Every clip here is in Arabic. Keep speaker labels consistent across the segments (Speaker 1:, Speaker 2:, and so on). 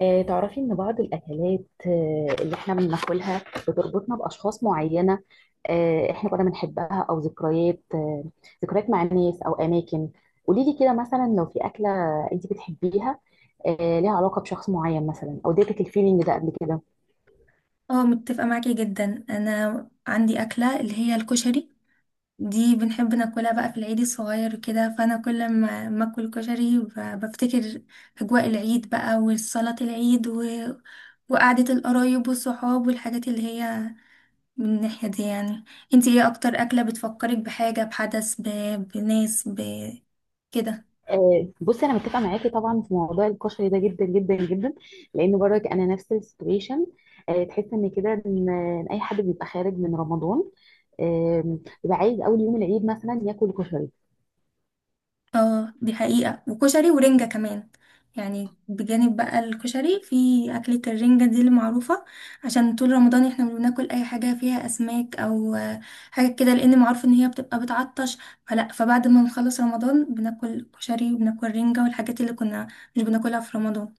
Speaker 1: تعرفي إن بعض الأكلات اللي إحنا بناكلها بتربطنا بأشخاص معينة. إحنا كنا بنحبها أو ذكريات مع ناس أو أماكن. قوليلي كده مثلا لو في أكلة أنت بتحبيها، ليها علاقة بشخص معين مثلا أو اديتك الفيلينج ده قبل كده؟
Speaker 2: اه، متفقة معاكي جدا. انا عندي اكلة اللي هي الكشري، دي بنحب ناكلها بقى في العيد الصغير كده. فانا كل ما اكل كشري بفتكر اجواء العيد بقى، وصلاة العيد وقعدة القرايب والصحاب والحاجات اللي هي من الناحية دي يعني. انتي ايه اكتر اكلة بتفكرك بحاجة، بحدث، بناس، كده؟
Speaker 1: بصي، أنا متفقة معاكي طبعا في موضوع الكشري ده جدا جدا جدا، لأن برضك أنا نفس السيتويشن. تحس إن كده إن أي حد بيبقى خارج من رمضان، بيبقى عايز اول يوم العيد مثلا ياكل كشري.
Speaker 2: اه، دي حقيقة. وكشري ورنجة كمان، يعني بجانب بقى الكشري في أكلة الرنجة دي المعروفة. عشان طول رمضان احنا بناكل أي حاجة فيها أسماك أو حاجة كده، لأن معروف إن هي بتبقى بتعطش. فبعد ما نخلص رمضان بناكل كشري وبناكل رنجة والحاجات اللي كنا مش بناكلها في رمضان.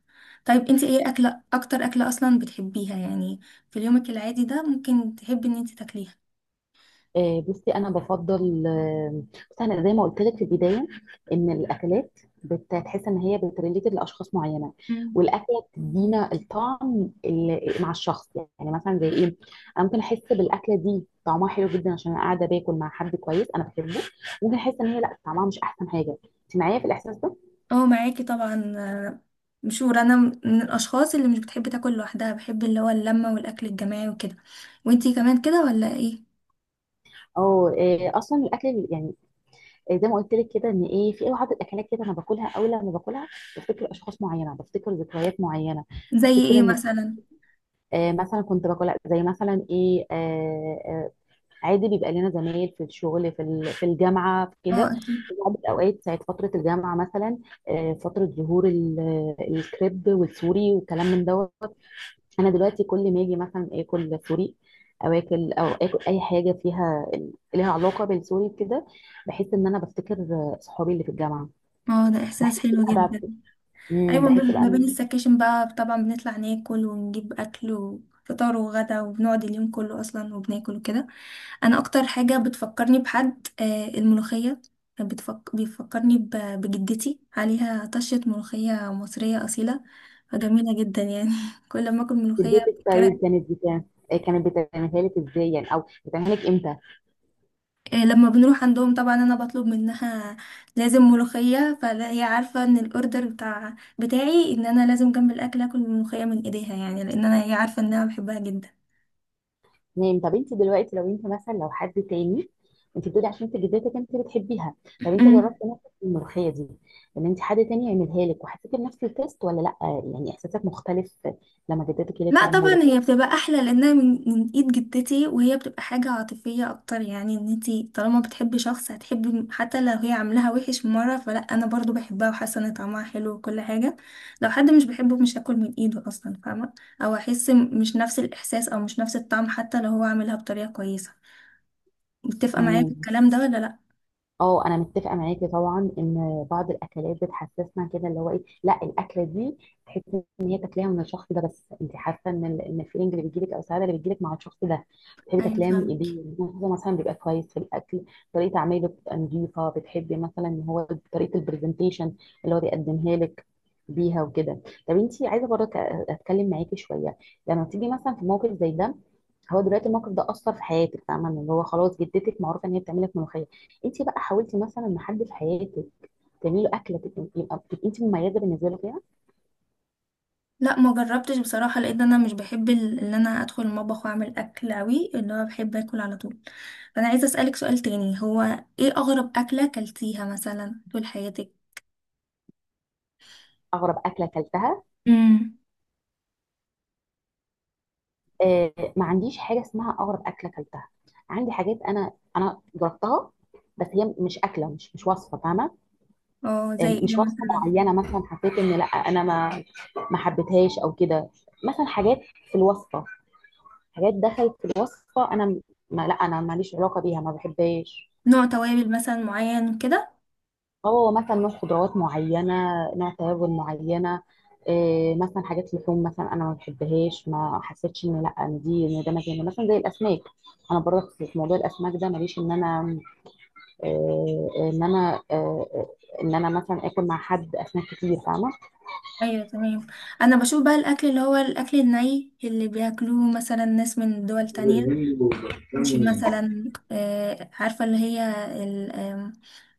Speaker 2: طيب انتي ايه أكلة، أكتر أكلة أصلا بتحبيها يعني في يومك العادي ده، ممكن تحبي إن انتي تاكليها؟
Speaker 1: آه، بصي انا بفضل آه، بصي انا زي ما قلت لك في البدايه، ان الاكلات بتحس ان هي بتريليتد لاشخاص معينه، والاكله بتدينا الطعم اللي مع الشخص. يعني مثلا زي ايه؟ انا ممكن احس بالاكله دي طعمها حلو جدا عشان انا قاعده باكل مع حد كويس انا بحبه. ممكن احس ان هي لا، طعمها مش احسن حاجه. انت معايا في الاحساس ده؟
Speaker 2: اه، معاكي طبعا. مشهور انا من الاشخاص اللي مش بتحب تاكل لوحدها، بحب اللي هو اللمه والاكل الجماعي وكده. وانتي كمان كده ولا ايه؟
Speaker 1: اه. اصلا الاكل يعني، زي ما قلت لك كده، ان ايه في بعض الاكلات كده انا باكلها، اول لما باكلها بفتكر اشخاص معينه، بفتكر ذكريات معينه.
Speaker 2: زي
Speaker 1: بفتكر
Speaker 2: ايه
Speaker 1: ان،
Speaker 2: مثلا؟
Speaker 1: مثلا كنت باكل، لأ، زي مثلا ايه، عادي بيبقى لنا زمايل في الشغل، في في الجامعه في
Speaker 2: اه
Speaker 1: كده.
Speaker 2: اكيد.
Speaker 1: في بعض الاوقات ساعه فتره الجامعه مثلا، فتره ظهور الكريب والسوري والكلام من دوت. انا دلوقتي كل ما اجي مثلا اكل سوري، او اكل اي حاجه فيها ليها علاقه بالسوري كده، بحس ان انا بفتكر صحابي اللي في الجامعه.
Speaker 2: اه، ده
Speaker 1: بحس
Speaker 2: احساس حلو
Speaker 1: بقى
Speaker 2: جدا. ايوه،
Speaker 1: بحس بقى
Speaker 2: ما بين
Speaker 1: إن
Speaker 2: السكاشن بقى طبعا بنطلع ناكل ونجيب اكل وفطار وغدا، وبنقعد اليوم كله اصلا وبناكل وكده. انا اكتر حاجه بتفكرني بحد الملوخيه. بيفكرني بجدتي، عليها طشه ملوخيه مصريه اصيله، فجميله جدا يعني. كل ما اكل ملوخيه.
Speaker 1: الديت ستايل كانت بتاع. كانت بتعملها لك ازاي يعني، او بتعملها لك امتى؟
Speaker 2: لما بنروح عندهم طبعا انا بطلب منها لازم ملوخية. فهي عارفة ان الاوردر بتاعي ان انا لازم جنب الاكل اكل ملوخية من ايديها، يعني لان انا، هي عارفة ان انا بحبها
Speaker 1: تمام. طب انت دلوقتي لو انت مثلا، لو حد تاني. انت بتقولي عشان انت جدتك انت بتحبيها. طب انت
Speaker 2: جدا.
Speaker 1: جربتي نفسك في الملوخيه دي، ان انت حد تاني يعملها لك وحسيتي بنفس التيست ولا لا؟ يعني احساسك مختلف لما جدتك هي اللي
Speaker 2: لا
Speaker 1: بتعملها
Speaker 2: طبعا،
Speaker 1: لك؟
Speaker 2: هي بتبقى احلى لانها من ايد جدتي، وهي بتبقى حاجه عاطفيه اكتر. يعني ان انتي طالما بتحبي شخص هتحبي، حتى لو هي عاملاها وحش مره انا برضو بحبها وحاسه ان طعمها حلو وكل حاجه. لو حد مش بحبه مش هاكل من ايده اصلا، فاهمه؟ او احس مش نفس الاحساس او مش نفس الطعم حتى لو هو عاملها بطريقه كويسه. متفقه معايا في
Speaker 1: تمام.
Speaker 2: الكلام ده ولا لا؟
Speaker 1: اه، انا متفقه معاكي طبعا ان بعض الاكلات بتحسسنا كده، اللي هو ايه، لا، الاكله دي تحسي ان هي تاكليها من الشخص ده، بس انت حاسه ان ان الفيلينج اللي بيجيلك او السعاده اللي بتجيلك مع الشخص ده، بتحبي
Speaker 2: ايوه
Speaker 1: تاكليها من
Speaker 2: فاهمه.
Speaker 1: ايديه. هو مثلا بيبقى كويس في الاكل، طريقه عمايله بتبقى نظيفه، بتحبي مثلا ان هو طريقه البرزنتيشن اللي هو بيقدمها لك بيها وكده. طب انت عايزه برضه اتكلم معاكي شويه، لما تيجي مثلا في موقف زي ده. هو دلوقتي الموقف ده اثر في حياتك، فاهمه ان هو خلاص جدتك معروفه ان هي بتعمل لك ملوخيه. انت بقى حاولتي مثلا ان حد في حياتك تعملي له اكله تبقى تبقي انت مميزه بالنسبه له فيها؟
Speaker 2: لا ما جربتش بصراحة، لان انا مش بحب ان انا ادخل المطبخ واعمل اكل اوي. اللي هو بحب اكل على طول. فانا عايزة اسألك سؤال تاني، هو ايه اغرب اكلة اكلتيها مثلا طول حياتك؟
Speaker 1: اغرب اكله اكلتها؟
Speaker 2: امم.
Speaker 1: ما عنديش حاجه اسمها اغرب اكله اكلتها. عندي حاجات انا جربتها، بس هي مش اكله، مش وصفه فاهمه.
Speaker 2: اه زي ايه
Speaker 1: مش وصفه
Speaker 2: مثلا؟
Speaker 1: معينه، مثلا حسيت ان لا انا ما حبيتهاش او كده. مثلا حاجات في الوصفه، حاجات دخلت في الوصفه انا ما، لا انا ماليش علاقه بيها، ما بحبهاش.
Speaker 2: نوع توابل مثلا معين كده؟
Speaker 1: هو مثلا نوع خضروات معينة، نوع توابل معينة. إيه مثلا حاجات لحوم، مثلا انا ما بحبهاش، ما حسيتش ان لا، ان دي ان ده مكاني، مثلا زي الاسماك. انا برضه في موضوع الاسماك ده ماليش ان انا إيه، ان انا مثلا اكل مع حد اسماك كتير، فاهمة.
Speaker 2: ايوه تمام. انا بشوف بقى الاكل اللي هو الاكل الني اللي بياكلوه مثلا ناس من دول تانية، مش مثلا آه، عارفة اللي هي ال- آم،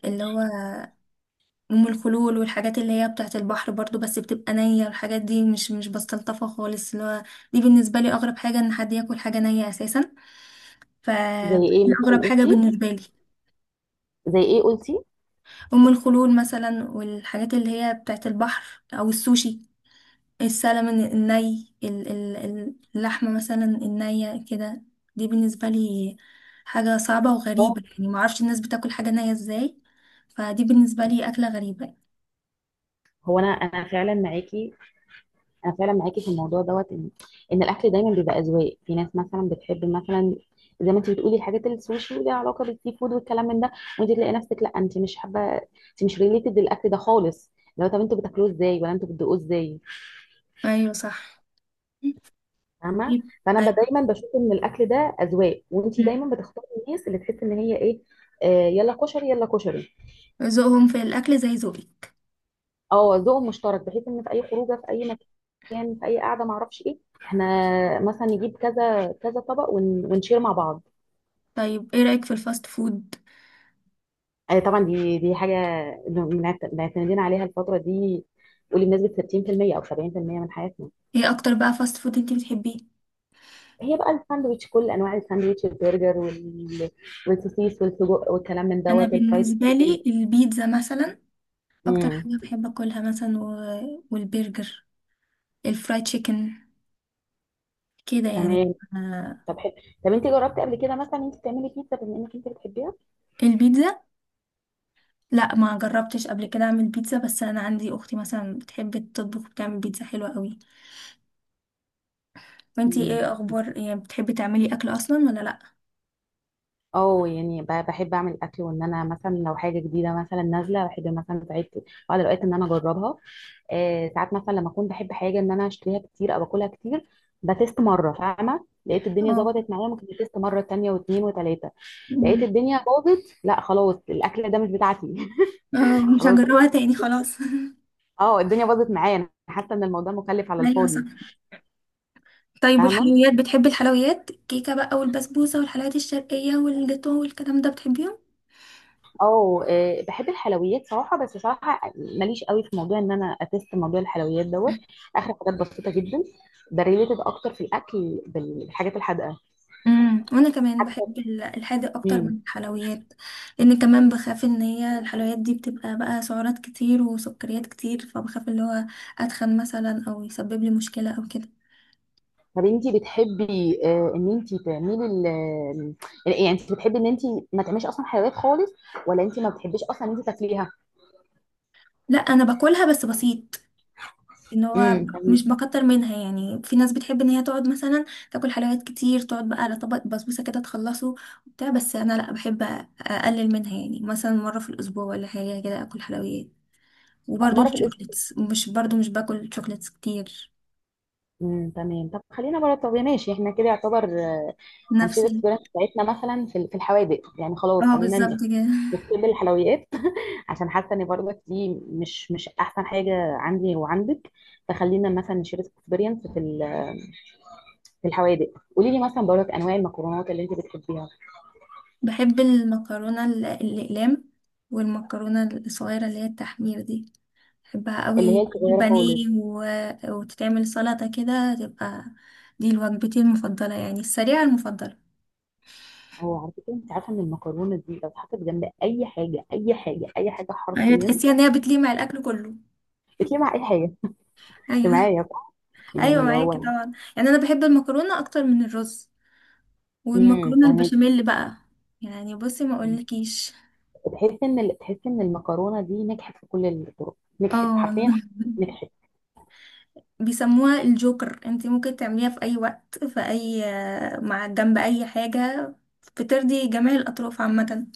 Speaker 2: اللي هو ام الخلول والحاجات اللي هي بتاعت البحر برضو، بس بتبقى نية والحاجات دي مش بستلطفها خالص. اللي هو دي بالنسبة لي اغرب حاجة، ان حد ياكل حاجة نية اساسا. ف
Speaker 1: زي ايه
Speaker 2: دي
Speaker 1: مثلا
Speaker 2: اغرب حاجة
Speaker 1: قلتي؟
Speaker 2: بالنسبة لي.
Speaker 1: زي ايه قلتي؟
Speaker 2: ام الخلول مثلا، والحاجات اللي هي بتاعت البحر، او السوشي، السلمون الني، اللحمة مثلا النية كده. دي بالنسبة لي حاجة صعبة
Speaker 1: اه،
Speaker 2: وغريبة، يعني معرفش الناس بتاكل حاجة نية ازاي. فدي بالنسبة لي أكلة غريبة.
Speaker 1: هو انا فعلا معاكي. انا فعلا معاكي في الموضوع دوت، ان الاكل دايما بيبقى اذواق. في ناس مثلا بتحب، مثلا زي ما انت بتقولي الحاجات السوشي وليها علاقه بالسي فود والكلام من ده، وانت تلاقي نفسك لا انت مش حابه، انت مش ريليتد للاكل ده خالص. لو طب انتوا بتاكلوه ازاي، ولا انتوا بتدوقوه ازاي؟
Speaker 2: ايوه صح.
Speaker 1: فاهمه.
Speaker 2: طيب.
Speaker 1: فانا
Speaker 2: أيوة.
Speaker 1: دايما بشوف ان الاكل ده اذواق، وانت دايما بتختاري الناس اللي تحس ان هي ايه. يلا كشري، يلا كشري.
Speaker 2: ذوقهم في الأكل زي ذوقك.
Speaker 1: اه، ذوق مشترك، بحيث ان في اي خروجه في اي مكان في اي قعده ما اعرفش ايه، احنا مثلا نجيب كذا كذا طبق ونشير مع بعض.
Speaker 2: طيب ايه رأيك في الفاست فود؟
Speaker 1: طبعا دي حاجه معتمدين عليها الفتره دي. قولي بنسبه 60% او 70% من حياتنا.
Speaker 2: ايه أكتر بقى فاست فود انتي بتحبيه؟
Speaker 1: هي بقى الساندوتش، كل انواع الساندوتش، البرجر والسوسيس والسجق والكلام من
Speaker 2: أنا
Speaker 1: دوت الفرايد
Speaker 2: بالنسبة
Speaker 1: تشيكن.
Speaker 2: لي البيتزا مثلا، أكتر
Speaker 1: امم
Speaker 2: حاجة بحب أكلها مثلا والبرجر، الفرايد تشيكن، كده يعني.
Speaker 1: تمام.
Speaker 2: آه،
Speaker 1: طب حلو، طب انت جربتي قبل كده مثلا انت تعملي بيتزا، بما انك انت بتحبيها؟
Speaker 2: البيتزا. لا ما جربتش قبل كده أعمل بيتزا، بس أنا عندي أختي مثلا بتحب تطبخ، بتعمل بيتزا حلوة قوي. وانتي ايه أخبار، يعني بتحبي تعملي أكل أصلا ولا لأ؟
Speaker 1: اه، يعني بحب اعمل اكل. وان انا مثلا لو حاجه جديده مثلا نازله، بحب مثلا ساعات، بعض الاوقات، ان انا اجربها. ساعات مثلا لما اكون بحب حاجه، ان انا اشتريها كتير او اكلها كتير، بتست مره فاهمه. لقيت الدنيا
Speaker 2: اه.
Speaker 1: ظبطت معايا، ممكن بتست مره تانية واتنين وتلاته. لقيت
Speaker 2: م-
Speaker 1: الدنيا باظت، لا خلاص الاكل ده مش بتاعتي.
Speaker 2: اه مش
Speaker 1: خلاص.
Speaker 2: هجربها تاني خلاص.
Speaker 1: اه، الدنيا باظت معايا، انا حاسه ان الموضوع مكلف على
Speaker 2: ايوه صح.
Speaker 1: الفاضي.
Speaker 2: طيب
Speaker 1: فاهمه.
Speaker 2: والحلويات، بتحبي الحلويات، الكيكة بقى والبسبوسة والحلويات الشرقية والجاتو والكلام ده، بتحبيهم؟
Speaker 1: اه. بحب الحلويات صراحه، بس صراحه ماليش قوي في موضوع ان انا اتست موضوع الحلويات دوت. اخر حاجات بسيطه جدا، بريليتد اكتر في الاكل بالحاجات الحادقه
Speaker 2: امم، وانا كمان بحب
Speaker 1: حتى.
Speaker 2: الحادق اكتر
Speaker 1: مم.
Speaker 2: من الحلويات، لان كمان بخاف ان هي الحلويات دي بتبقى بقى سعرات كتير وسكريات كتير، فبخاف اللي هو اتخن مثلا او يسبب لي مشكلة او كده.
Speaker 1: طب انتي بتحبي ان انتي تعملي ال آه، يعني انتي بتحبي ان انتي ما تعمليش اصلا حلويات خالص، ولا انتي ما بتحبيش اصلا ان انتي تاكليها؟
Speaker 2: لا انا باكلها بس بسيط، ان هو
Speaker 1: تمام.
Speaker 2: مش بكتر منها. يعني في ناس بتحب ان هي تقعد مثلا تاكل حلويات كتير، تقعد بقى على طبق بسبوسه كده تخلصه وبتاع، بس انا لا، بحب اقلل منها يعني، مثلا مره في الاسبوع ولا حاجه كده اكل حلويات. وبرضه
Speaker 1: مره في الاسبوع؟
Speaker 2: الشوكليتس، مش باكل شوكليتس كتير.
Speaker 1: تمام. طب خلينا بره، طب يا ماشي احنا كده يعتبر
Speaker 2: نفس
Speaker 1: هنشيل الاكسبيرينس بتاعتنا مثلا في في الحوادق، يعني خلاص.
Speaker 2: اه
Speaker 1: خلينا
Speaker 2: بالظبط كده.
Speaker 1: نكتب الحلويات عشان حاسه ان برضك دي مش احسن حاجه عندي وعندك. فخلينا مثلا نشير اكسبيرينس في في الحوادق. قولي لي مثلا برضك انواع المكرونات اللي انت بتحبيها.
Speaker 2: بحب المكرونه الاقلام، والمكرونه الصغيره اللي هي التحمير دي، بحبها
Speaker 1: اللي هي
Speaker 2: قوي مع
Speaker 1: الصغيره خالص؟
Speaker 2: البانيه وتتعمل سلطة كده تبقى، دي وجبتي المفضلة يعني، السريعة المفضلة.
Speaker 1: هو على فكره، انت عارفه ان المكرونه دي لو اتحطت جنب اي حاجه، اي حاجه اي حاجه،
Speaker 2: هي
Speaker 1: حرفيا
Speaker 2: تحسيها ان هي بتليق مع الاكل كله.
Speaker 1: بتيجي مع اي حاجه. انت
Speaker 2: ايوه.
Speaker 1: معايا صح؟
Speaker 2: ايوه
Speaker 1: يعني اللي
Speaker 2: معاكي
Speaker 1: هو،
Speaker 2: طبعا. يعني انا بحب المكرونة اكتر من الرز، والمكرونة
Speaker 1: فاهمك.
Speaker 2: البشاميل بقى. يعني بصي ما اقولكيش.
Speaker 1: تحس ان المكرونه دي نجحت في كل الطرق، نجحت
Speaker 2: اه والله.
Speaker 1: حرفيا، نجحت.
Speaker 2: بيسموها الجوكر، انتي ممكن تعمليها في اي وقت، في اي، مع جنب اي حاجة. بترضي جميع الاطراف عامة،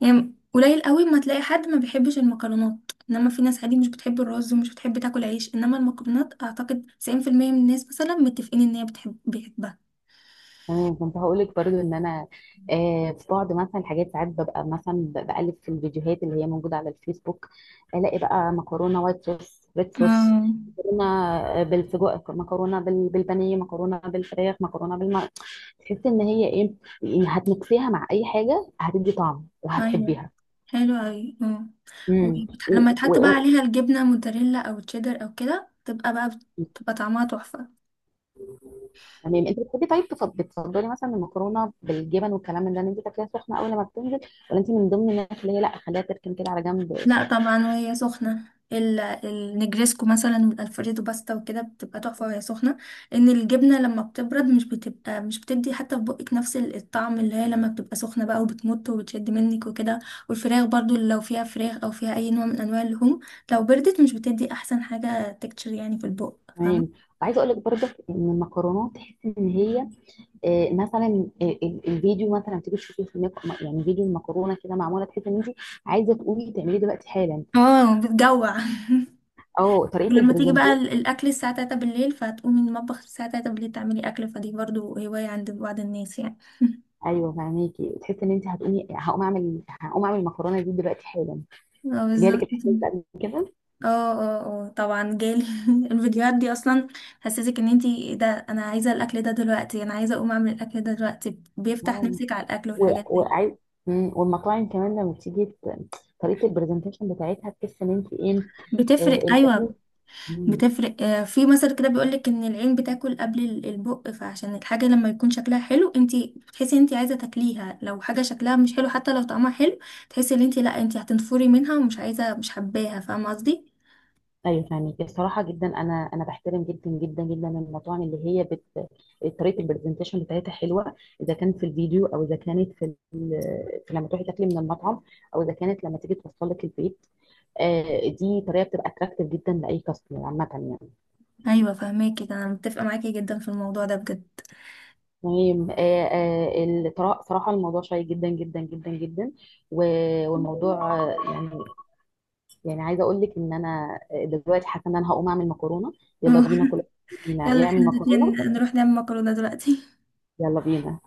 Speaker 2: يعني قليل قوي ما تلاقي حد ما بيحبش المكرونات. انما في ناس عادي مش بتحب الرز ومش بتحب تاكل عيش، انما المكرونات اعتقد 90% من الناس مثلا متفقين ان هي بيحبها.
Speaker 1: تمام. كنت هقولك برضو ان انا، في بعض مثلا الحاجات، ساعات ببقى مثلا بقلب في الفيديوهات اللي هي موجوده على الفيسبوك، الاقي بقى مكرونه وايت صوص، ريد صوص،
Speaker 2: اه
Speaker 1: مكرونه بالسجق، مكرونه بالبانيه، مكرونه بالفراخ، مكرونه بالم. تحس ان هي ايه؟ يعني هتمكسيها مع اي حاجه، هتدي طعم
Speaker 2: ايوه،
Speaker 1: وهتحبيها.
Speaker 2: حلو اوي. اه،
Speaker 1: امم و...
Speaker 2: ولما يتحط بقى
Speaker 1: و...
Speaker 2: عليها الجبنه موتزاريلا او تشيدر او كده، تبقى بقى، بتبقى طعمها تحفه.
Speaker 1: تمام. انت بتحبي، طيب، بتفضلي مثلا المكرونه بالجبن والكلام من ده ان انت تاكليها سخنه اول ما بتنزل، ولا انت من ضمن الناس اللي هي لا خليها تركن كده على جنب؟
Speaker 2: لا طبعا وهي سخنة. النجريسكو مثلا والالفريدو باستا وكده بتبقى تحفة وهي سخنة، ان الجبنة لما بتبرد مش بتبقى، مش بتدي حتى في بقك نفس الطعم اللي هي لما بتبقى سخنة بقى وبتمط وبتشد منك وكده. والفراخ برضو، لو فيها فراخ او فيها اي نوع من انواع اللحوم لو بردت مش بتدي احسن حاجة تكتشر يعني في البق. فاهمة؟
Speaker 1: تمام. وعايزه اقول لك برضك ان المكرونات تحس ان هي مثلا الفيديو مثلا تيجي تشوفيه في الميك، يعني فيديو المكرونه كده معموله، تحس ان انت عايزه تقومي تعمليه دلوقتي حالا،
Speaker 2: اه بتجوع.
Speaker 1: او طريقه
Speaker 2: ولما تيجي بقى
Speaker 1: البرزنتيشن.
Speaker 2: الاكل الساعة 3 بالليل، فتقومي من المطبخ الساعة 3 بالليل تعملي اكل، فدي برضو هواية عند بعض الناس يعني.
Speaker 1: ايوه فهماكي، تحس ان انت هتقومي، هقوم اعمل المكرونه دي دلوقتي حالا.
Speaker 2: اه
Speaker 1: جالك
Speaker 2: بالظبط.
Speaker 1: الاحساس ده قبل كده؟
Speaker 2: اه اه اه طبعا جالي. الفيديوهات دي اصلا حسسك ان انتي، ده انا عايزه الاكل ده دلوقتي، انا عايزه اقوم اعمل الاكل ده دلوقتي. بيفتح
Speaker 1: آه.
Speaker 2: نفسك على الاكل والحاجات دي،
Speaker 1: وعايز. والمطاعم كمان لما بتيجي طريقه البرزنتيشن بتاعتها تحس ان انت ايه؟
Speaker 2: بتفرق.
Speaker 1: آه،
Speaker 2: ايوه
Speaker 1: البهيج.
Speaker 2: بتفرق. آه، في مثل كده بيقولك ان العين بتاكل قبل البق. فعشان الحاجه لما يكون شكلها حلو انتي بتحسي ان انتي عايزه تاكليها، لو حاجه شكلها مش حلو حتى لو طعمها حلو تحسي ان انتي لا، انتي هتنفري منها ومش عايزه، مش حباها. فاهمه قصدي؟
Speaker 1: ايوه فاهمك، الصراحه جدا انا بحترم جدا جدا جدا المطاعم اللي هي طريقه البرزنتيشن بتاعتها حلوه، اذا كان في الفيديو، او اذا كانت في لما تروحي تاكلي من المطعم، او اذا كانت لما تيجي توصل لك البيت. دي طريقه بتبقى اتراكتيف جدا لاي كاستمر عامه يعني.
Speaker 2: ايوه فاهماكي، ده انا متفقه معاكي جدا في الموضوع ده بجد.
Speaker 1: المهم، صراحه الموضوع شيق جدا جدا جدا جدا. والموضوع يعني، يعني عايزه اقول لك ان انا دلوقتي حاسه ان انا هقوم اعمل مكرونه. يلا بينا كلنا
Speaker 2: يلا
Speaker 1: يعمل
Speaker 2: احنا الاتنين
Speaker 1: مكرونه.
Speaker 2: نروح نعمل مكرونة دلوقتي.
Speaker 1: يلا بينا.